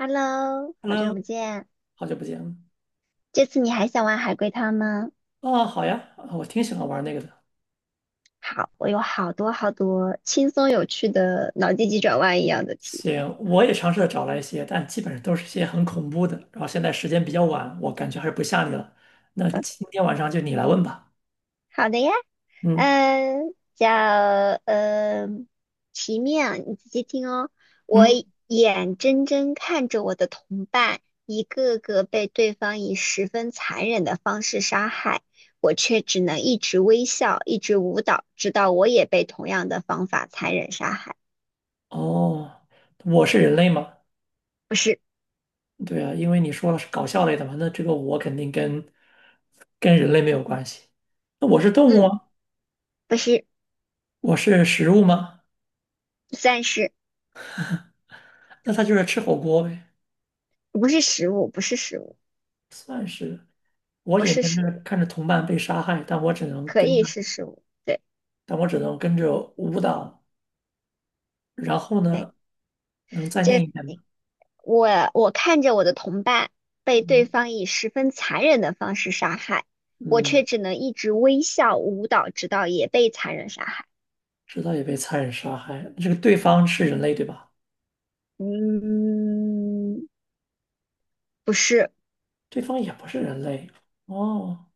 Hello，好久 Hello，不见。好久不见啊！这次你还想玩海龟汤吗？哦好呀，啊我挺喜欢玩那个的。好，我有好多好多轻松有趣的脑筋急转弯一样的题。行，我也尝试着找了一些，但基本上都是一些很恐怖的。然后现在时间比较晚，我感觉还是不吓你了。那今天晚上就你来问吧。好的呀，嗯嗯，叫嗯奇面啊，你仔细听哦。我嗯，眼睁睁看着我的同伴一个个被对方以十分残忍的方式杀害，我却只能一直微笑，一直舞蹈，直到我也被同样的方法残忍杀害。哦，我是人类吗？不是，对啊，因为你说了是搞笑类的嘛，那这个我肯定跟人类没有关系。那我是动物嗯，吗？不是。我是食物吗？算是。那它就是吃火锅呗，不是食物，不是食物，算是。我不眼是睁食睁的物，看着同伴被杀害，但我只能可跟以着。是食物。对。但我只能跟着舞蹈。然后对，呢，能再念这一遍吗？我我看着我的同伴被对嗯方以十分残忍的方式杀害，我却嗯，只能一直微笑舞蹈，直到也被残忍杀害。直到也被残忍杀害。这个对方是人类对吧？嗯，不是，对方也不是人类。哦，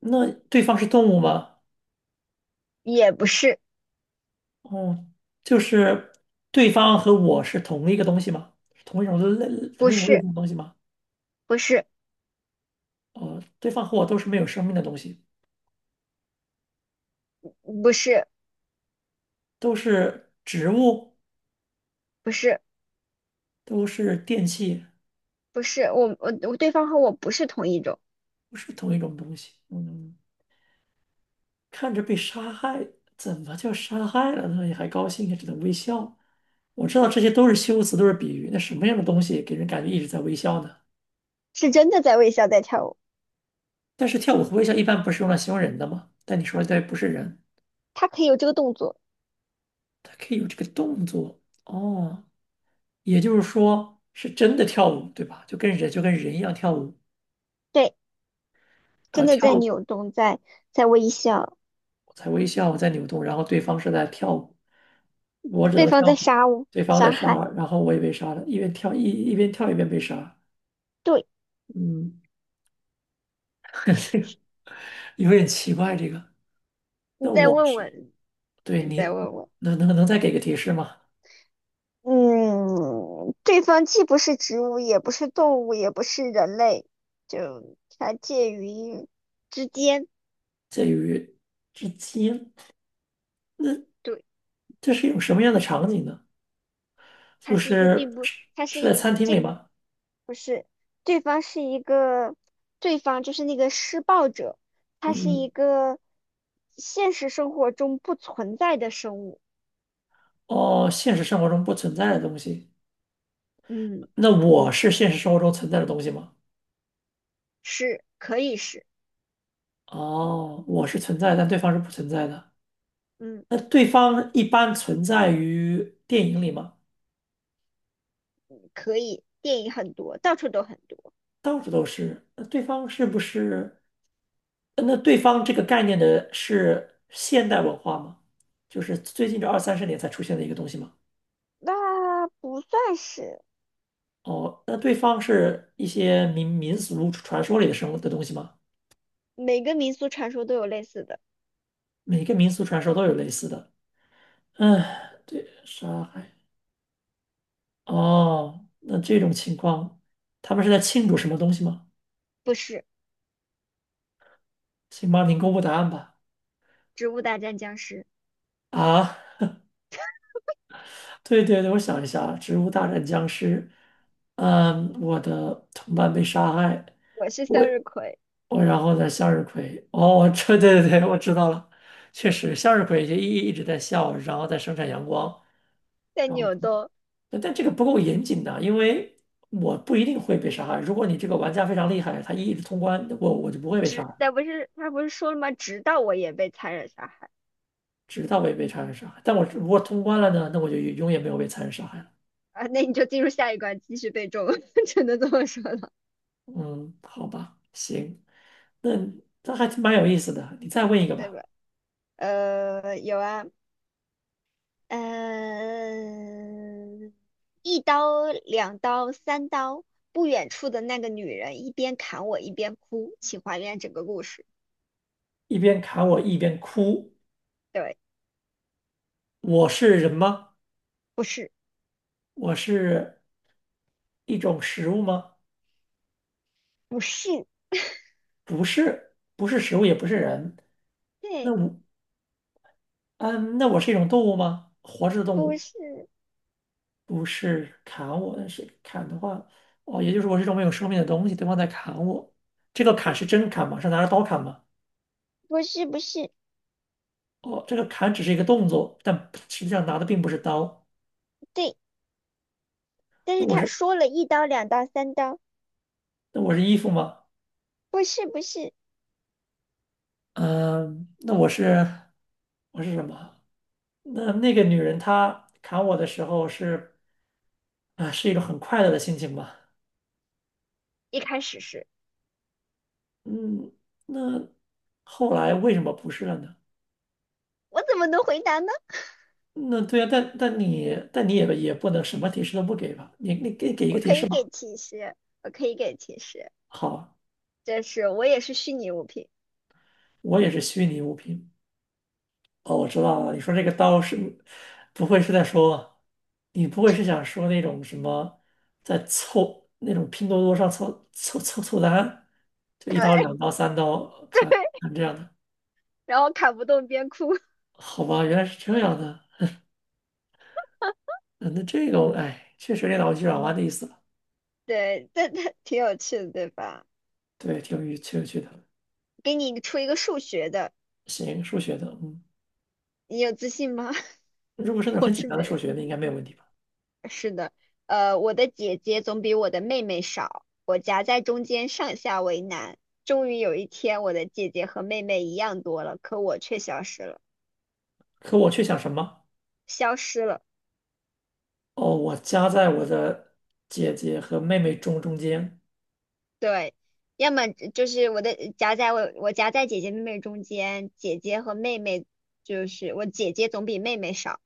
那对方是动物吗？也不是，哦，就是对方和我是同一个东西吗？同一种类不同一种类是，型的东西吗？不是，哦，对方和我都是没有生命的东西，不是，都是植物，不是，都是电器，不是，我我我对方和我不是同一种。不是同一种东西。嗯。看着被杀害，怎么就杀害了呢？你还高兴啊，也只能微笑。我知道这些都是修辞，都是比喻。那什么样的东西给人感觉一直在微笑呢？是真的在微笑在跳舞，但是跳舞和微笑一般不是用来形容人的吗？但你说的对，不是人，他可以有这个动作。它可以有这个动作哦，也就是说是真的跳舞，对吧？就跟人一样跳舞对。啊，真的跳在舞扭动，在微笑。我在微笑，我在扭动，然后对方是在跳舞，我只对能方跳在舞，杀我，对方在杀害。杀，然后我也被杀了，一边跳一边被杀，对，嗯。这个有点奇怪，这个。你那再我问是问，对你再你问问。能能能再给个提示吗？嗯，对方既不是植物，也不是动物，也不是人类，就它介于之间。介于之间，那对，这是一种什么样的场景呢？它就是一个，是并不，是它是是在一餐个，厅里这吗？不是。对方是一个，对方就是那个施暴者，他是一嗯，个现实生活中不存在的生物。哦，现实生活中不存在的东西。嗯，那我是现实生活中存在的东西吗？是，可以是。哦，我是存在，但对方是不存在的。嗯，那对方一般存在于电影里吗？可以，电影很多，到处都很多。到处都是。那对方是不是？那对方这个概念的是现代文化吗？就是最近这二三十年才出现的一个东西吗？那不算是。哦，那对方是一些民俗传说里的生物的东西吗？每个民俗传说都有类似的。每个民俗传说都有类似的。嗯，对，杀害。哦，那这种情况，他们是在庆祝什么东西吗？不是请帮您公布答案吧。《植物大战僵尸》，啊？对对对，我想一下，《植物大战僵尸》，嗯，我的同伴被杀害，我是我向日葵，然后呢，向日葵，哦，这对对对，我知道了，确实，向日葵就一直在笑，然后在生产阳光，在然后扭动。但这个不够严谨的，因为我不一定会被杀害。如果你这个玩家非常厉害，他一直通关，我就不会被杀直，害，但不是他不是说了吗？直到我也被残忍杀害。直到被残忍杀害。但我如果通关了呢，那我就永远没有被残忍杀害了。啊，那你就进入下一关，继续被中，只能这么说了，嗯，好吧，行，那这还蛮有意思的。你再问一个对吧，吧？有啊。嗯，一刀、两刀、三刀，不远处的那个女人一边砍我一边哭，请还原整个故事。一边砍我一边哭，对。我是人吗？不是，我是一种食物吗？不是。不是，不是食物，也不是人。那对。我，嗯，那我是一种动物吗？活着的动不物，是，不是砍我，但是砍的话，哦，也就是我是一种没有生命的东西，对方在砍我。这个砍是真砍吗？是拿着刀砍吗？不是，不是。哦，这个砍只是一个动作，但实际上拿的并不是刀。对，但是那我他是说了一刀、两刀、三刀。那我是衣服吗？不是，不是。嗯，那我是我是什么？那那个女人她砍我的时候是啊，是一种很快乐的心情吧？一开始是。嗯，那后来为什么不是了呢？我怎么能回答呢？那对啊，但你也不能什么提示都不给吧？你给一我个提可示以给吧。提示，我可以给提示。好啊，这是我也是虚拟物品。我也是虚拟物品。哦，我知道了，你说这个刀是，不会是在说，你不会是想说那种什么，在凑那种拼多多上凑单，就一刀、对。两刀、三刀砍对，砍这样的，然后砍不动边哭。好吧，原来是这样的，嗯那这个我哎，确实有点脑筋急转弯的意思了，对，但它挺有趣的，对吧？对，挺有趣的。给你出一个数学的，行，数学的，嗯，你有自信吗？如果是 那种我很简是单的没数有。学，那应该没有问题吧？是的，我的姐姐总比我的妹妹少，我夹在中间，上下为难。终于有一天，我的姐姐和妹妹一样多了，可我却消失了，可我却想什么？消失了。哦，我夹在我的姐姐和妹妹中间，对，要么就是我夹在姐姐妹妹中间，姐姐和妹妹，就是我姐姐总比妹妹少，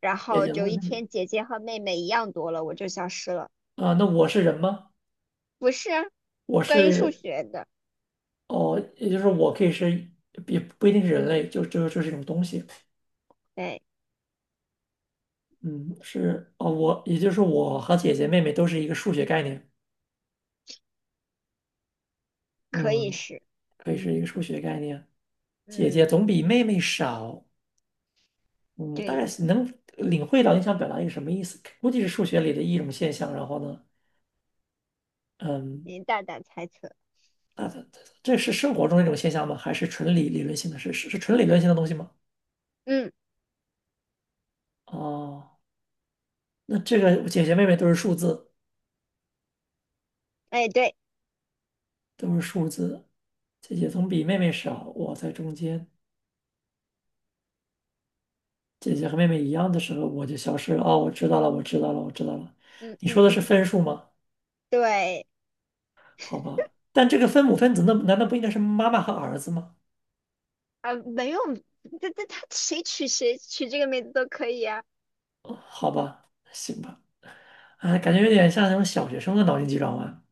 然姐后姐就和一妹妹天姐姐和妹妹一样多了，我就消失了。啊，那我是人吗？不是啊，我关于数是学的。哦，也就是我可以是，也不一定是人类，就是一种东西。哎，嗯，是哦，我也就是我和姐姐妹妹都是一个数学概念。可以嗯，是。可以是一嗯。个数学概念。姐姐嗯，总比妹妹少。嗯，我大概对，是能领会到你想表达一个什么意思，估计是数学里的一种现象。然后呢，嗯，你大胆猜测。那这是生活中的一种现象吗？还是纯理论性的？是纯理论性的东西吗？嗯。哦，那这个姐姐妹妹都是数字。哎，对。都是数字。姐姐总比妹妹少，我在中间。姐姐和妹妹一样的时候，我就消失了。哦，我知道了，我知道了，我知道了。嗯你嗯说的是嗯。分数吗？对。好吧，但这个分母分子那难道不应该是妈妈和儿子吗？啊，没有，他谁取这个名字都可以啊。哦，好吧，行吧。哎，感觉有点像那种小学生的脑筋急转弯。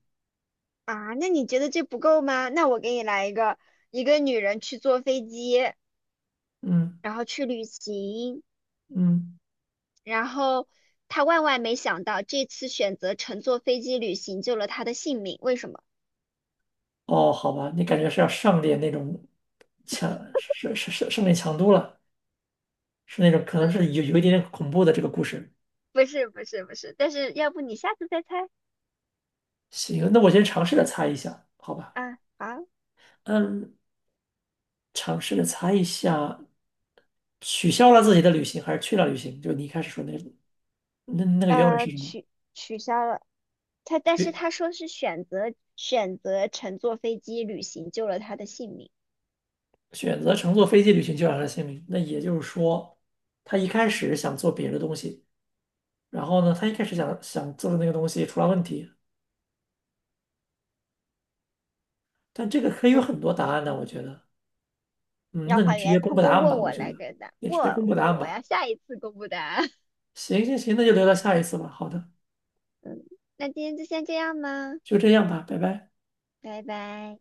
啊，那你觉得这不够吗？那我给你来一个，一个女人去坐飞机，嗯然后去旅行，嗯，然后她万万没想到这次选择乘坐飞机旅行救了她的性命，为什么？哦，好吧，你感觉是要上点那种强，是是是上点强度了，是那种可能嗯。是有一点点恐怖的这个故事。不是不是不是，但是要不你下次再猜。行，那我先尝试着猜一下，好吧？啊？好，嗯，尝试着猜一下，取消了自己的旅行还是去了旅行？就你一开始说那那那个原文呃，是什么？取取消了。他但是选他说是选择乘坐飞机旅行救了他的性命。选择乘坐飞机旅行就让他的姓名。那也就是说，他一开始想做别的东西，然后呢，他一开始想做的那个东西出了问题。但这个可以不有是很多答案呢，我觉得。嗯，要那你还直接原，公通布答过案问吧，我我觉来得给答。你不直接公布答不，案我吧。要下一次公布答案。行行行，那就留到下一次吧。好的，嗯，那今天就先这样吧，就这样吧，拜拜。拜拜。